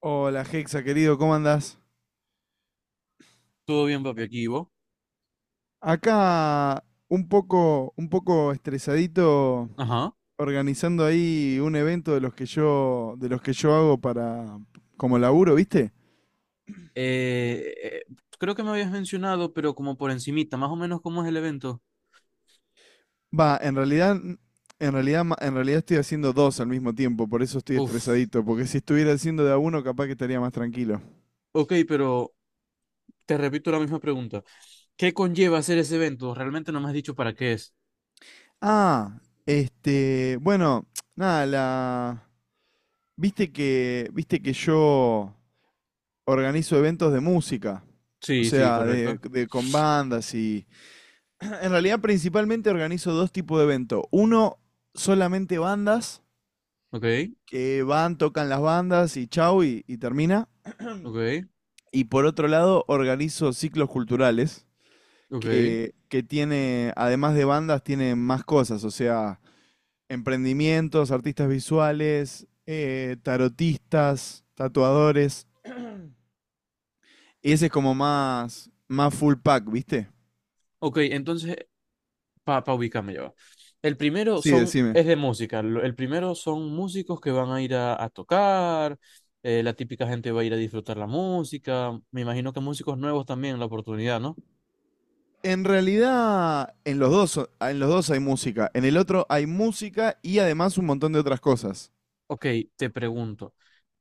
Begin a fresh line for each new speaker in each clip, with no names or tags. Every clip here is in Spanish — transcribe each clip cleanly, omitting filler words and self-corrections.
Hola Hexa, querido, ¿cómo andás?
Todo bien, papi, aquí ¿y vos?
Acá un poco estresadito
Ajá.
organizando ahí un evento de los que yo hago para como laburo, ¿viste?
Eh, eh, Creo que me habías mencionado, pero como por encimita, más o menos cómo es el evento.
Va, en realidad, en realidad, en realidad estoy haciendo dos al mismo tiempo, por eso estoy
Uf.
estresadito, porque si estuviera haciendo de a uno, capaz que estaría más tranquilo.
Ok, pero te repito la misma pregunta. ¿Qué conlleva hacer ese evento? Realmente no me has dicho para qué es.
Ah, este, bueno, nada, viste que yo organizo eventos de música, o
Sí, sí,
sea,
correcto.
con bandas y... En realidad principalmente organizo dos tipos de eventos. Uno, solamente bandas,
Ok,
que van, tocan las bandas y chau y termina.
ok,
Y por otro lado, organizo ciclos culturales,
ok.
que tiene, además de bandas, tiene más cosas, o sea, emprendimientos, artistas visuales, tarotistas, tatuadores. Y ese es como más, más full pack, ¿viste?
Ok, entonces para ubicarme yo. El primero
Sí, decime.
es de música. El primero son músicos que van a ir a tocar. Eh, la típica gente va a ir a disfrutar la música. Me imagino que músicos nuevos también la oportunidad, ¿no?
En realidad, en los dos hay música. En el otro hay música y además un montón de otras cosas.
Ok, te pregunto,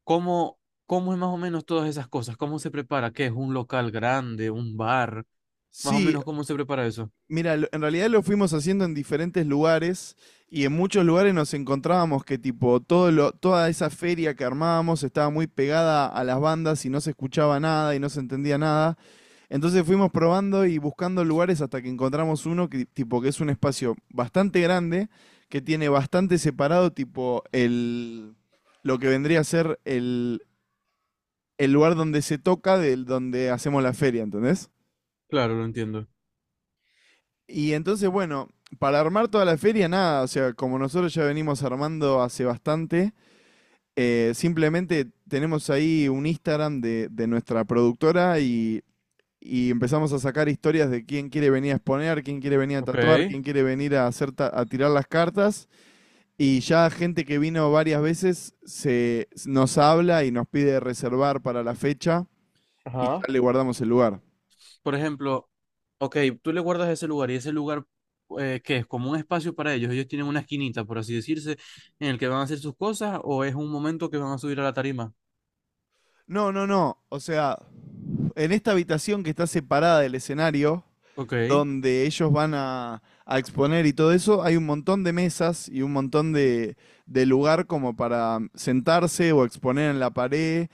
¿cómo, ¿cómo es más o menos todas esas cosas? ¿Cómo se prepara? ¿Qué es un local grande, un bar? Más o
Sí.
menos, ¿cómo se prepara eso?
Mira, en realidad lo fuimos haciendo en diferentes lugares y en muchos lugares nos encontrábamos que tipo toda esa feria que armábamos estaba muy pegada a las bandas y no se escuchaba nada y no se entendía nada. Entonces fuimos probando y buscando lugares hasta que encontramos uno que tipo que es un espacio bastante grande que tiene bastante separado tipo el lo que vendría a ser el lugar donde se toca del donde hacemos la feria, ¿entendés?
Claro, lo entiendo.
Y entonces, bueno, para armar toda la feria, nada, o sea, como nosotros ya venimos armando hace bastante, simplemente tenemos ahí un Instagram de nuestra productora y empezamos a sacar historias de quién quiere venir a exponer, quién quiere venir a
Ok.
tatuar, quién quiere venir a, hacer a tirar las cartas. Y ya gente que vino varias veces nos habla y nos pide reservar para la fecha y ya
Ajá.
le guardamos el lugar.
Por ejemplo, ok, tú le guardas ese lugar y ese lugar que es como un espacio para ellos, ellos tienen una esquinita, por así decirse, en el que van a hacer sus cosas o es un momento que van a subir a la tarima.
No, no, no. O sea, en esta habitación que está separada del escenario,
Ok,
donde ellos van a exponer y todo eso, hay un montón de mesas y un montón de lugar como para sentarse o exponer en la pared,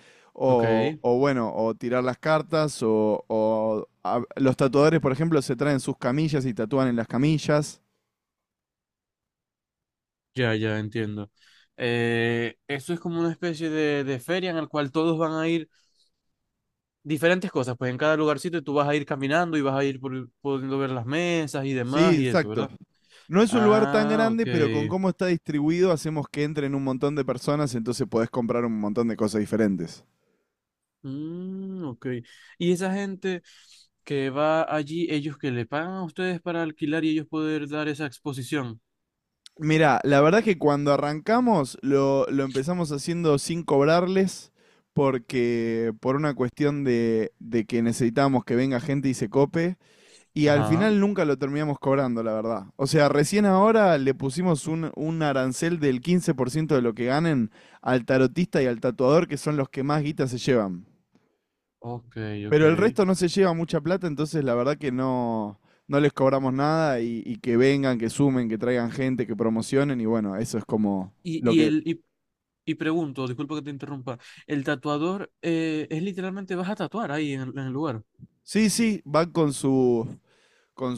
ok,
o bueno, o tirar las cartas, los tatuadores, por ejemplo, se traen sus camillas y tatúan en las camillas.
ya, ya entiendo. Eso es como una especie de feria en la cual todos van a ir diferentes cosas, pues en cada lugarcito tú vas a ir caminando y vas a ir pudiendo ver las mesas y
Sí,
demás y eso,
exacto.
¿verdad?
No es un lugar tan
Ah, ok.
grande, pero con cómo está distribuido hacemos que entren un montón de personas, entonces podés comprar un montón de cosas diferentes.
Mm, ok. Y esa gente que va allí, ellos que le pagan a ustedes para alquilar y ellos poder dar esa exposición.
Mirá, la verdad es que cuando arrancamos lo empezamos haciendo sin cobrarles porque por una cuestión de que necesitábamos que venga gente y se cope y al
Ajá.
final nunca lo terminamos cobrando, la verdad. O sea, recién ahora le pusimos un arancel del 15% de lo que ganen al tarotista y al tatuador, que son los que más guita se llevan.
Ok, ok.
Pero el resto no se lleva mucha plata, entonces la verdad que no, no les cobramos nada y que vengan, que sumen, que traigan gente, que promocionen y bueno, eso es como
Y,
lo
y
que...
el, y, y pregunto, disculpa que te interrumpa, el tatuador es literalmente vas a tatuar ahí el en el lugar.
Sí, sí, van con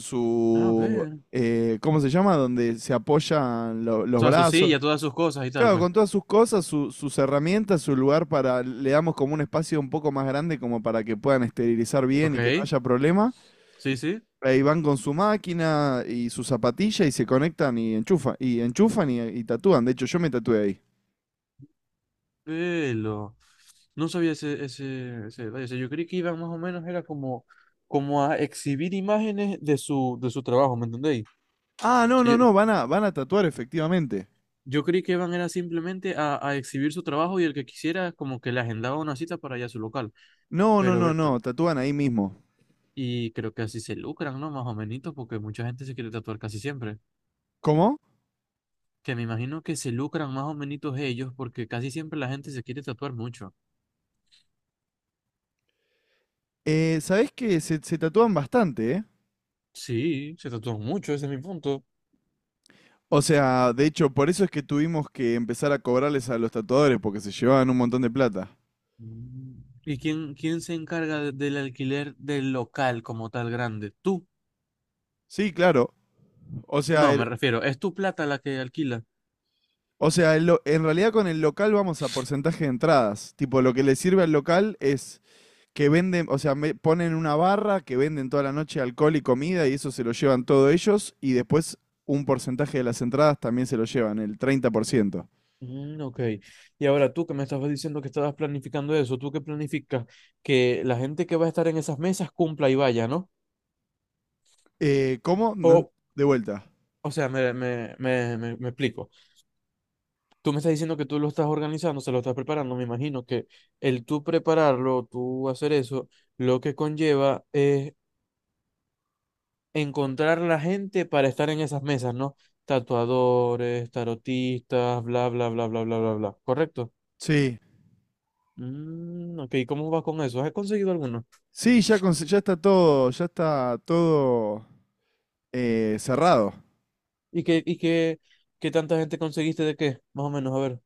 A
su,
ver. O
¿cómo se llama? Donde se apoyan los
sea, su
brazos.
silla, todas sus cosas y tal,
Claro,
pues.
con todas sus cosas, sus herramientas, su lugar para, le damos como un espacio un poco más grande como para que puedan esterilizar bien y que no
Ok.
haya problema.
Sí, sí.
Ahí van con su máquina y su zapatilla y se conectan y enchufan y enchufan y tatúan. De hecho, yo me tatué ahí.
Velo. No sabía ese detalle. O sea, yo creí que iban más o menos, era como, como a exhibir imágenes de su trabajo, ¿me entendéis?
Ah, no,
O
no,
sea,
no, van a tatuar efectivamente.
yo creí que iban era simplemente a exhibir su trabajo y el que quisiera como que le agendaba una cita para allá a su local.
No, no,
Pero,
no, no,
Bertal,
tatúan ahí mismo.
y creo que así se lucran, ¿no? Más o menos, porque mucha gente se quiere tatuar casi siempre.
¿Cómo?
Que me imagino que se lucran más o menos ellos porque casi siempre la gente se quiere tatuar mucho.
¿Sabés que se tatúan bastante, eh?
Sí, se tatúan mucho, ese es mi punto.
O sea, de hecho, por eso es que tuvimos que empezar a cobrarles a los tatuadores porque se llevaban un montón de plata.
Mm. ¿Y quién se encarga del alquiler del local como tal grande? ¿Tú?
Sí, claro. O sea,
No, me
el-
refiero, ¿es tu plata la que alquila?
o sea, en realidad con el local vamos a porcentaje de entradas. Tipo, lo que le sirve al local es que venden, o sea, me ponen una barra que venden toda la noche alcohol y comida y eso se lo llevan todos ellos y después un porcentaje de las entradas también se lo llevan, el 30%.
Mm, ok. Y ahora tú que me estabas diciendo que estabas planificando eso, ¿tú qué planificas? Que la gente que va a estar en esas mesas cumpla y vaya, ¿no?
¿Cómo? No ent-
O,
De vuelta.
o sea, me explico. Tú me estás diciendo que tú lo estás organizando, se lo estás preparando, me imagino que el tú prepararlo, tú hacer eso, lo que conlleva es encontrar la gente para estar en esas mesas, ¿no? Tatuadores, tarotistas, bla, bla, bla, bla, bla, bla, bla. ¿Correcto?
Sí.
Mm, ok, ¿cómo vas con eso? ¿Has conseguido alguno?
Sí, ya, ya está todo cerrado.
¿Y qué, y qué, ¿qué tanta gente conseguiste de qué? Más o menos, a ver.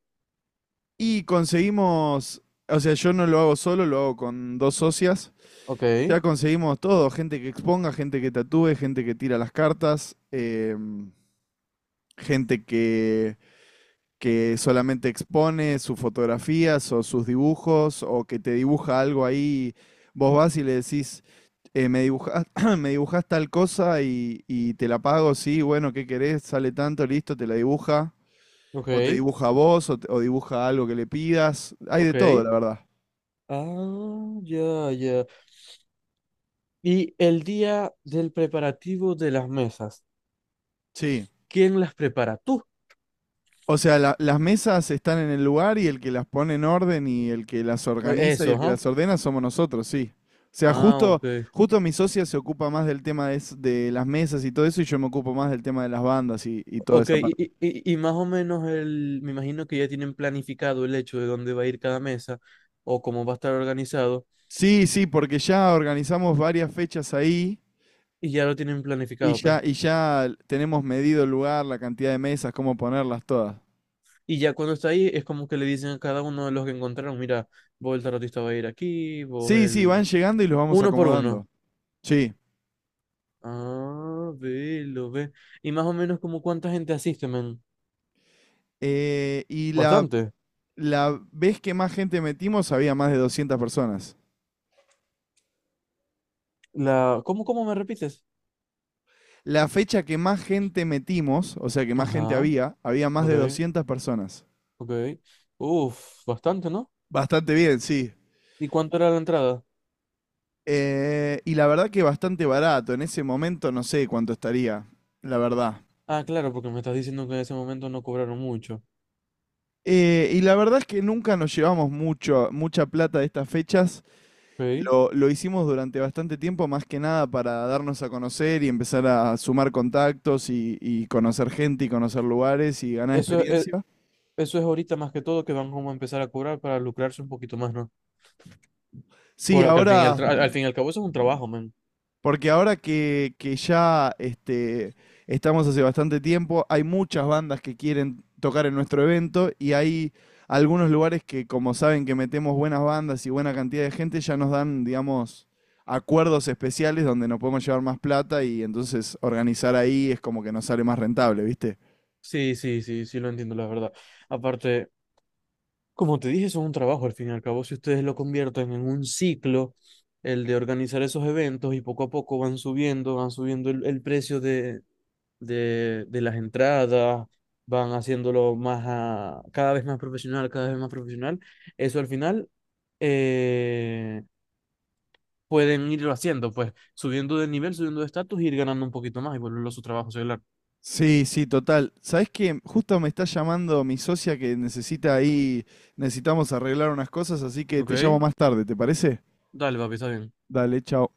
Y conseguimos, o sea, yo no lo hago solo, lo hago con dos socias.
Ok,
Ya conseguimos todo, gente que exponga, gente que tatúe, gente que tira las cartas, em, gente que solamente expone sus fotografías o sus dibujos o que te dibuja algo ahí. Vos vas y le decís, me dibujas, me dibujas tal cosa y te la pago, sí, bueno, ¿qué querés? Sale tanto, listo, te la dibuja. O te
ok,
dibuja a vos, o dibuja algo que le pidas. Hay de
ok.
todo, la verdad.
Ah, ya, ya. Y el día del preparativo de las mesas,
Sí.
¿quién las prepara? ¿Tú?
O sea, las mesas están en el lugar y el que las pone en orden y el que las organiza y
Eso,
el que
¿ah?
las ordena somos nosotros, sí. O sea,
Ah,
justo,
ok.
justo mi socia se ocupa más del tema de, de las mesas y todo eso y yo me ocupo más del tema de las bandas y toda
Ok,
esa
y,
parte.
y- y- y más o menos el, me imagino que ya tienen planificado el hecho de dónde va a ir cada mesa o cómo va a estar organizado
Sí, sí, porque ya organizamos varias fechas ahí
y ya lo tienen planificado, pues.
y ya tenemos medido el lugar, la cantidad de mesas, cómo ponerlas todas.
Y ya cuando está ahí es como que le dicen a cada uno de los que encontraron, mira, vos el tarotista va a ir aquí, vos
Sí, sí, van
el...
llegando y los vamos
Uno por uno.
acomodando. Sí.
Ah, ve, lo ve. Y más o menos como cuánta gente asiste, men.
Y
Bastante.
la vez que más gente metimos había más de 200 personas.
La... ¿Cómo, cómo me repites?
La fecha que más gente metimos, o sea, que más gente
Ajá,
había, había más de
ok,
200 personas.
ok. Uf, bastante, ¿no?
Bastante bien, sí.
¿Y cuánto era la entrada?
Y la verdad que bastante barato. En ese momento no sé cuánto estaría, la verdad.
Ah, claro, porque me estás diciendo que en ese momento no cobraron mucho.
Y la verdad es que nunca nos llevamos mucho, mucha plata de estas fechas.
Ok.
Lo hicimos durante bastante tiempo, más que nada para darnos a conocer y empezar a sumar contactos y conocer gente y conocer lugares y ganar
Eso es,
experiencia.
eso es ahorita más que todo que van como a empezar a cobrar para lucrarse un poquito más, ¿no?
Sí,
Porque al fin y
ahora.
al fin y al cabo eso es un trabajo, man.
Porque ahora que ya este, estamos hace bastante tiempo, hay muchas bandas que quieren tocar en nuestro evento y hay algunos lugares que, como saben que metemos buenas bandas y buena cantidad de gente, ya nos dan, digamos, acuerdos especiales donde nos podemos llevar más plata y entonces organizar ahí es como que nos sale más rentable, ¿viste?
Sí, sí, sí, sí lo entiendo, la verdad. Aparte, como te dije, eso es un trabajo. Al fin y al cabo, si ustedes lo convierten en un ciclo, el de organizar esos eventos y poco a poco van subiendo el precio de las entradas, van haciéndolo cada vez más profesional, cada vez más profesional. Eso al final eh, pueden irlo haciendo, pues subiendo de nivel, subiendo de estatus y ir ganando un poquito más y volverlo a su trabajo celular.
Sí, sí, total. ¿Sabés qué? Justo me está llamando mi socia que necesita ahí, necesitamos arreglar unas cosas, así que te llamo
¿Ok?
más tarde, ¿te parece?
Dale, papi, está bien.
Dale, chao.